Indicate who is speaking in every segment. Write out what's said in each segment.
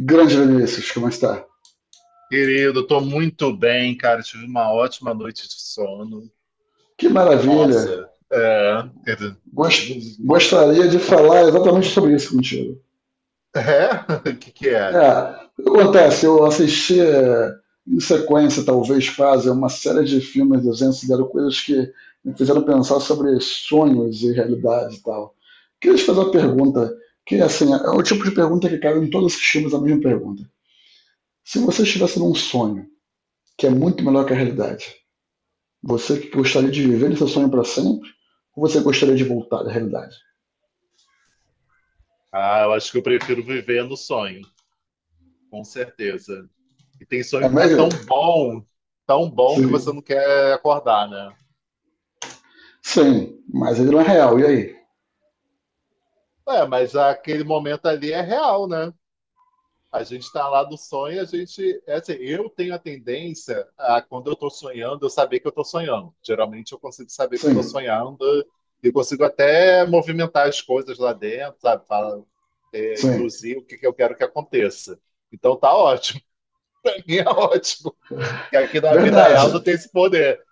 Speaker 1: Grande Vinícius, como está?
Speaker 2: Querido, tô muito bem, cara. Tive uma ótima noite de sono.
Speaker 1: Que maravilha!
Speaker 2: Nossa, é. Quer dizer, tipo, nossa,
Speaker 1: Gostaria de falar exatamente sobre isso contigo.
Speaker 2: é? O que que é?
Speaker 1: É, o que acontece? Eu assisti em sequência, talvez quase, uma série de filmes desenhos que deram coisas que me fizeram pensar sobre sonhos e realidade e tal. Queria te fazer uma pergunta, que assim, é o tipo de pergunta que cabe em todos os filmes, a mesma pergunta. Se você estivesse num sonho, que é muito melhor que a realidade, você que gostaria de viver esse sonho para sempre? Ou você gostaria de voltar à realidade?
Speaker 2: Ah, eu acho que eu prefiro viver no sonho, com certeza. E tem
Speaker 1: É
Speaker 2: sonho que tá
Speaker 1: mesmo?
Speaker 2: tão bom que você
Speaker 1: Sim.
Speaker 2: não quer acordar, né?
Speaker 1: Sim, mas ele não é real, e aí?
Speaker 2: É, mas aquele momento ali é real, né? A gente está lá do sonho, a gente. É assim, eu tenho a tendência a, quando eu estou sonhando, eu saber que eu estou sonhando. Geralmente eu consigo saber que eu estou
Speaker 1: Sim,
Speaker 2: sonhando e consigo até movimentar as coisas lá dentro, sabe? Fala- é,
Speaker 1: sim.
Speaker 2: induzir o que, que eu quero que aconteça. Então tá ótimo, pra mim é ótimo. Que aqui na vida real
Speaker 1: Verdade,
Speaker 2: não tem esse poder.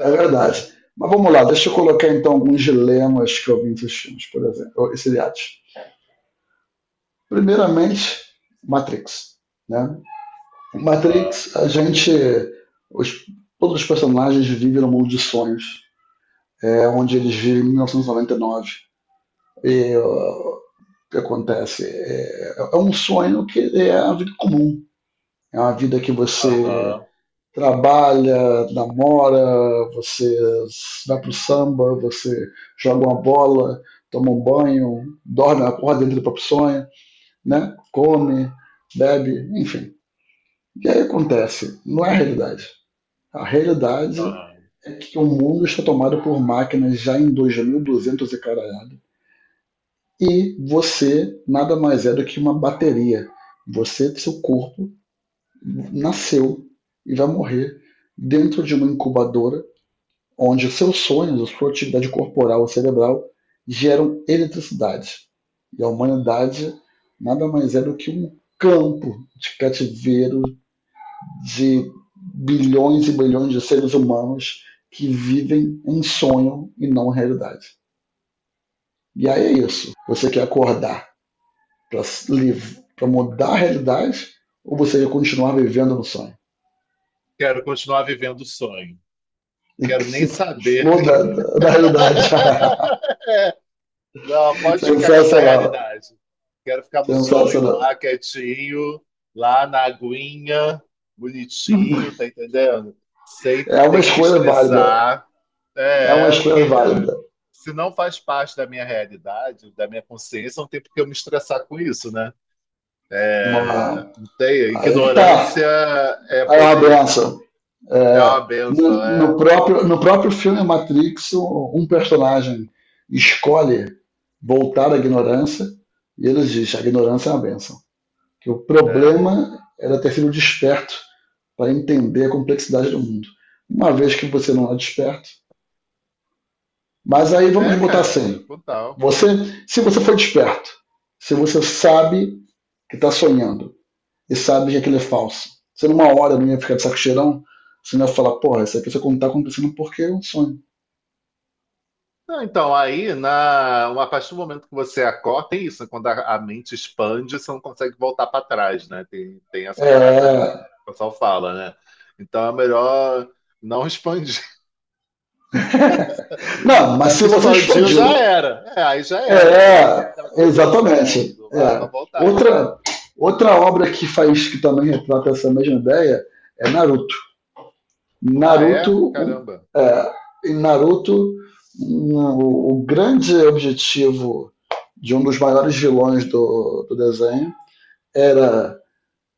Speaker 1: é verdade. Mas vamos lá, deixa eu colocar então alguns dilemas que eu vi nesses filmes, por exemplo, esses seriados. Primeiramente, Matrix. Né?
Speaker 2: Aham,
Speaker 1: Matrix, a gente. Os, todos os personagens vivem num mundo de sonhos, onde eles vivem em 1999. E noventa e nove. E que acontece. É um sonho que é a vida comum. É uma vida que você
Speaker 2: aham,
Speaker 1: trabalha, namora, você vai pro samba, você joga uma bola, toma um banho, dorme, acorda dentro do próprio sonho, né? Come, bebe, enfim. E aí acontece, não é a realidade. A realidade
Speaker 2: aham.
Speaker 1: é que o mundo está tomado por máquinas já em 2.200 e duzentos e caralhada, e você nada mais é do que uma bateria. Você, seu corpo, nasceu e vai morrer dentro de uma incubadora onde os seus sonhos, a sua atividade corporal, cerebral geram eletricidade. E a humanidade nada mais é do que um campo de cativeiro de bilhões e bilhões de seres humanos que vivem em sonho e não realidade. E aí é isso. Você quer acordar para mudar a realidade ou você ia continuar vivendo no sonho?
Speaker 2: Quero continuar vivendo o sonho.
Speaker 1: E que
Speaker 2: Quero
Speaker 1: se
Speaker 2: nem saber.
Speaker 1: exploda da realidade.
Speaker 2: Não, pode ficar com essa
Speaker 1: Sensacional.
Speaker 2: realidade. Quero ficar no sonho
Speaker 1: Sensacional.
Speaker 2: lá, quietinho, lá na aguinha, bonitinho, tá entendendo? Sem
Speaker 1: É uma
Speaker 2: ter que me
Speaker 1: escolha válida.
Speaker 2: estressar.
Speaker 1: É uma
Speaker 2: É,
Speaker 1: escolha
Speaker 2: que
Speaker 1: válida.
Speaker 2: se não faz parte da minha realidade, da minha consciência, não tem por que eu me estressar com isso, né? É,
Speaker 1: Uma...
Speaker 2: não tem,
Speaker 1: Aí é que tá.
Speaker 2: ignorância é
Speaker 1: Aí é uma
Speaker 2: poder,
Speaker 1: benção.
Speaker 2: é
Speaker 1: É,
Speaker 2: uma
Speaker 1: no,
Speaker 2: benção,
Speaker 1: no,
Speaker 2: é,
Speaker 1: próprio, no próprio filme Matrix, um personagem escolhe voltar à ignorância e ele diz: a ignorância é uma benção. Que o
Speaker 2: é.
Speaker 1: problema era ter sido desperto para entender a complexidade do mundo. Uma vez que você não é desperto, mas aí vamos
Speaker 2: É,
Speaker 1: botar
Speaker 2: cara,
Speaker 1: assim:
Speaker 2: total.
Speaker 1: você, se você for desperto, se você sabe que está sonhando e sabe que aquilo é falso, você numa hora não ia ficar de saco cheirão, você não ia falar, porra, isso aqui só está acontecendo porque é um sonho.
Speaker 2: Não, então, aí, na, a partir do momento que você acorda, tem isso, né? Quando a mente expande, você não consegue voltar para trás, né? Tem, tem essa parada, né?
Speaker 1: É.
Speaker 2: O pessoal fala, né? Então é melhor não expandir.
Speaker 1: Não, mas
Speaker 2: Mas
Speaker 1: se
Speaker 2: se
Speaker 1: você
Speaker 2: expandiu, já
Speaker 1: explodiu.
Speaker 2: era. É, aí já era, vai ter que
Speaker 1: É,
Speaker 2: lidar com isso. É,
Speaker 1: exatamente.
Speaker 2: ah, para
Speaker 1: É.
Speaker 2: voltar. É.
Speaker 1: Outra, outra obra que faz que também retrata essa mesma ideia é Naruto.
Speaker 2: Ah,
Speaker 1: Naruto,
Speaker 2: é?
Speaker 1: um,
Speaker 2: Caramba.
Speaker 1: é, Em Naruto, o grande objetivo de um dos maiores vilões do desenho era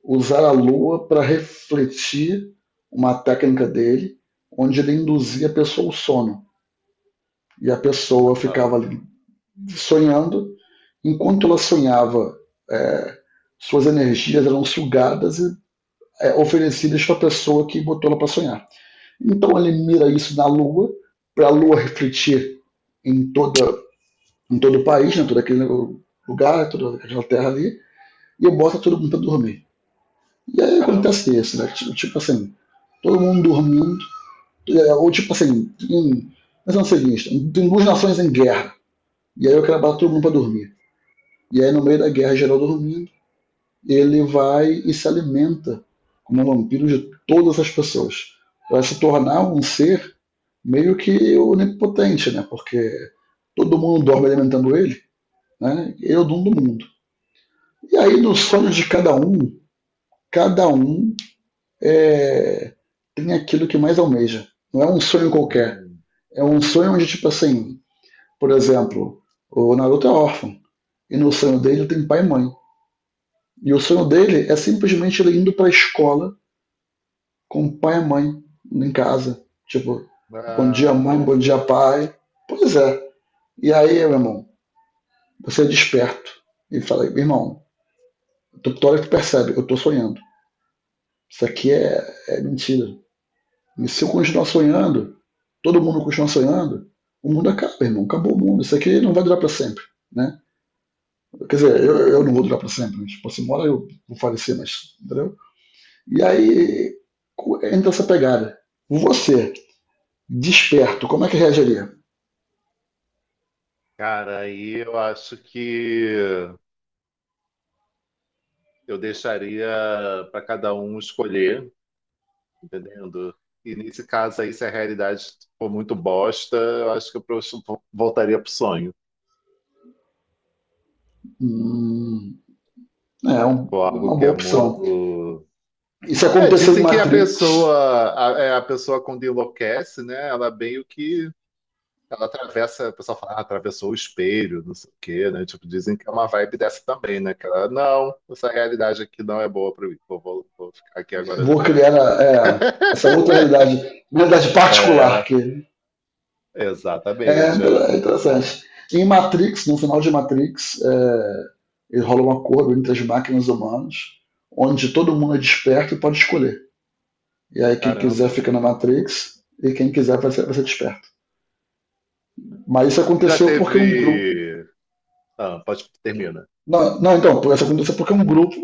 Speaker 1: usar a lua para refletir uma técnica dele, onde ele induzia a pessoa ao sono. E a pessoa ficava
Speaker 2: Ah,
Speaker 1: ali sonhando, enquanto ela sonhava, é, suas energias eram sugadas e oferecidas para a pessoa que botou ela para sonhar. Então ele mira isso na Lua, para a Lua refletir em, toda, em todo o país, em todo aquele lugar, toda aquela terra ali, e bota todo mundo para dormir. E aí
Speaker 2: caramba.
Speaker 1: acontece isso, né? Tipo assim, todo mundo dormindo, ou tipo assim, mas não sei seguinte, tem duas nações em guerra, e aí eu quero botar todo mundo para dormir. E aí no meio da guerra geral dormindo, ele vai e se alimenta como um vampiro de todas as pessoas. Vai se tornar um
Speaker 2: Nossa.
Speaker 1: ser meio que onipotente, né? Porque todo mundo dorme alimentando ele, né? Ele é o dono do mundo. E aí, nos sonhos de cada um é... tem aquilo que mais almeja. Não é um sonho qualquer.
Speaker 2: Hum.
Speaker 1: É um sonho onde, tipo assim, por exemplo, o Naruto é órfão. E no sonho dele tem pai e mãe. E o sonho dele é simplesmente ele indo para a escola com o pai e a mãe em casa. Tipo, bom dia
Speaker 2: Ah, que
Speaker 1: mãe, bom
Speaker 2: fofo.
Speaker 1: dia pai. Pois é. E aí, meu irmão, você é desperto e fala, irmão, tu olha que tu percebe, eu tô sonhando. Isso aqui é mentira. E se eu continuar sonhando, todo mundo continuar sonhando, o mundo acaba, irmão. Acabou o mundo. Isso aqui não vai durar para sempre. Né? Quer dizer, eu não vou durar para sempre. Mas, tipo, se mora eu vou falecer, mas. Entendeu? E aí entra essa pegada. Você, desperto, como é que reagiria?
Speaker 2: Cara, aí eu acho que eu deixaria para cada um escolher, entendendo? E nesse caso aí, se a realidade for muito bosta, eu acho que eu prosto- voltaria pro sonho.
Speaker 1: Hum, é
Speaker 2: Ou algo
Speaker 1: uma
Speaker 2: que é
Speaker 1: boa opção.
Speaker 2: muito.
Speaker 1: Isso
Speaker 2: É,
Speaker 1: aconteceu em
Speaker 2: dizem que a
Speaker 1: Matrix.
Speaker 2: pessoa, a, é, a pessoa quando enlouquece, né? Ela meio que. Ela atravessa, o pessoal fala, ah, atravessou o espelho, não sei o quê, né? Tipo, dizem que é uma vibe dessa também, né? Que ela, não, essa realidade aqui não é boa pra mim. Vou ficar aqui agora na
Speaker 1: Vou
Speaker 2: minha.
Speaker 1: criar essa outra realidade, uma realidade particular
Speaker 2: É,
Speaker 1: que
Speaker 2: exatamente. É.
Speaker 1: é interessante. Em Matrix, no final de Matrix, ele rola um acordo entre as máquinas humanas, onde todo mundo é desperto e pode escolher. E aí quem quiser
Speaker 2: Caramba.
Speaker 1: fica na Matrix e quem quiser vai ser desperto. Mas isso
Speaker 2: Já
Speaker 1: aconteceu porque um grupo
Speaker 2: teve. Ah, pode termina.
Speaker 1: Não, não, então, por essa aconteceu porque um grupo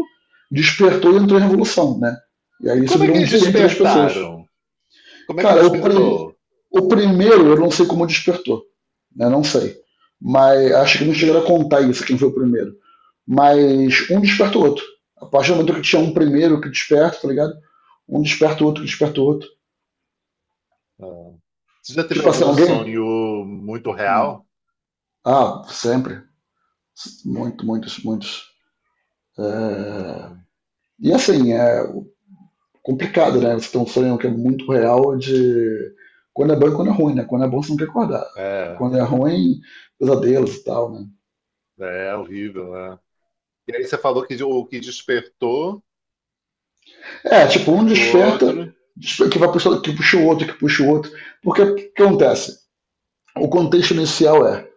Speaker 1: despertou e entrou em revolução, né? E
Speaker 2: E
Speaker 1: aí isso
Speaker 2: como é que
Speaker 1: virou um
Speaker 2: eles
Speaker 1: direito das pessoas.
Speaker 2: despertaram? Como é que
Speaker 1: Cara,
Speaker 2: despertou?
Speaker 1: o primeiro eu não sei como despertou, né? Não sei. Mas
Speaker 2: Ah,
Speaker 1: acho que não chegaram a contar isso, quem foi o primeiro. Mas um desperta o outro. A partir do momento que tinha um primeiro que desperta, tá ligado? Um desperta o outro, que desperta o outro.
Speaker 2: ah. Você já teve
Speaker 1: Tipo assim,
Speaker 2: algum
Speaker 1: alguém.
Speaker 2: sonho muito
Speaker 1: Hum.
Speaker 2: real?
Speaker 1: Ah, sempre. Muito, muitos, muitos. É, E assim, complicado, né? Você tem um sonho que é muito real de quando é bom e quando é ruim, né? Quando é bom você não quer acordar.
Speaker 2: É, é
Speaker 1: Quando é ruim, pesadelos e tal, né?
Speaker 2: é, é horrível, né? E aí você falou que o que despertou,
Speaker 1: É, tipo, um
Speaker 2: desperta o outro.
Speaker 1: que vai puxar, que puxa o outro, que puxa o outro. Porque o que acontece? O contexto inicial é,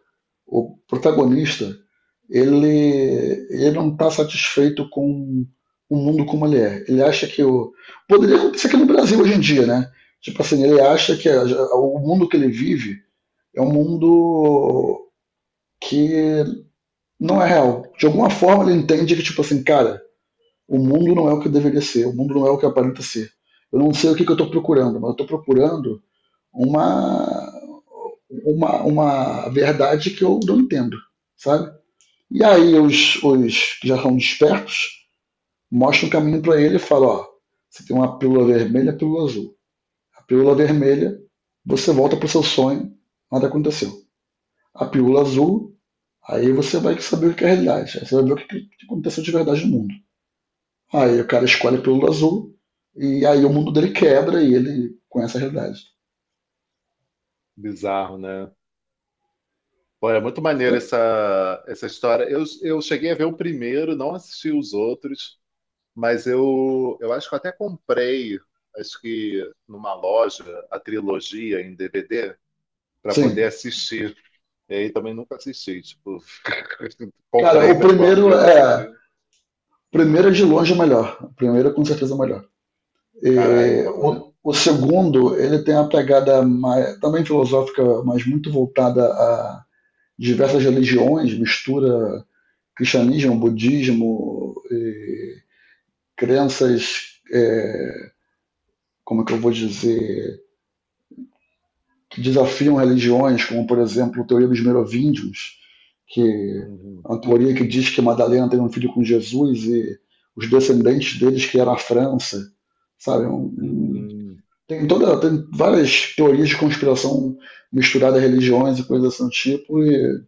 Speaker 1: o protagonista, ele não está satisfeito com o mundo como ele é. Ele acha que o. Poderia acontecer aqui no Brasil hoje em dia, né? Tipo assim, ele acha que o mundo que ele vive é um mundo que não é real. De alguma forma ele entende que, tipo assim, cara, o mundo não é o que deveria ser, o mundo não é o que aparenta ser. Eu não sei o que, que eu estou procurando, mas eu estou procurando uma, uma verdade que eu não entendo, sabe? E aí os que já são despertos mostram o caminho para ele e falam, ó, você tem uma pílula vermelha e a pílula azul. A pílula vermelha, você volta para o seu sonho, nada aconteceu. A pílula azul, aí você vai saber o que é a realidade. Aí você vai ver o que, que aconteceu de verdade no mundo. Aí o cara escolhe a pílula azul e aí o mundo dele quebra e ele conhece a realidade.
Speaker 2: Bizarro, né? Pô, é muito maneiro essa, essa história. Eu cheguei a ver o primeiro, não assisti os outros, mas eu acho que eu até comprei, acho que numa loja, a trilogia em DVD. Para poder
Speaker 1: Sim.
Speaker 2: assistir. E aí também nunca assisti, tipo,
Speaker 1: Cara,
Speaker 2: comprei
Speaker 1: o
Speaker 2: para tipo, ah, um dia
Speaker 1: primeiro
Speaker 2: eu vou
Speaker 1: é.
Speaker 2: assistir.
Speaker 1: O primeiro é de longe o melhor. O primeiro é com certeza o melhor.
Speaker 2: Caralho,
Speaker 1: E
Speaker 2: foda.
Speaker 1: o segundo, ele tem uma pegada mais, também filosófica, mas muito voltada a diversas religiões, mistura cristianismo, budismo, e crenças, como é que eu vou dizer, desafiam religiões, como por exemplo a teoria dos merovíndios, que é
Speaker 2: Uhum.
Speaker 1: uma teoria que diz que Madalena teve um filho com Jesus e os descendentes deles criaram a França, sabe?
Speaker 2: Uhum.
Speaker 1: Tem várias teorias de conspiração misturada a religiões e coisas desse tipo e,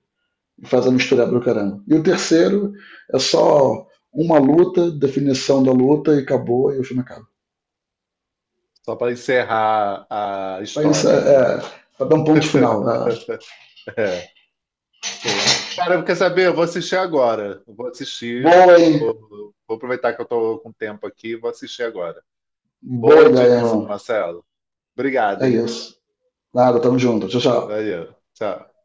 Speaker 1: e faz a misturada pro caramba. E o terceiro é só uma luta, definição da luta e acabou e o filme acaba.
Speaker 2: Só para encerrar a
Speaker 1: Pensa,
Speaker 2: história, né?
Speaker 1: para dar um ponto final. É,
Speaker 2: É. Pô. Cara, quer saber? Eu vou assistir agora. Eu vou assistir.
Speaker 1: boa, hein?
Speaker 2: Vou aproveitar que eu tô com tempo aqui e vou assistir agora.
Speaker 1: Boa
Speaker 2: Boa
Speaker 1: ideia,
Speaker 2: indicação,
Speaker 1: irmão.
Speaker 2: Marcelo. Obrigado,
Speaker 1: É
Speaker 2: hein?
Speaker 1: isso. Nada, tamo junto. Tchau, tchau.
Speaker 2: Valeu. Tchau.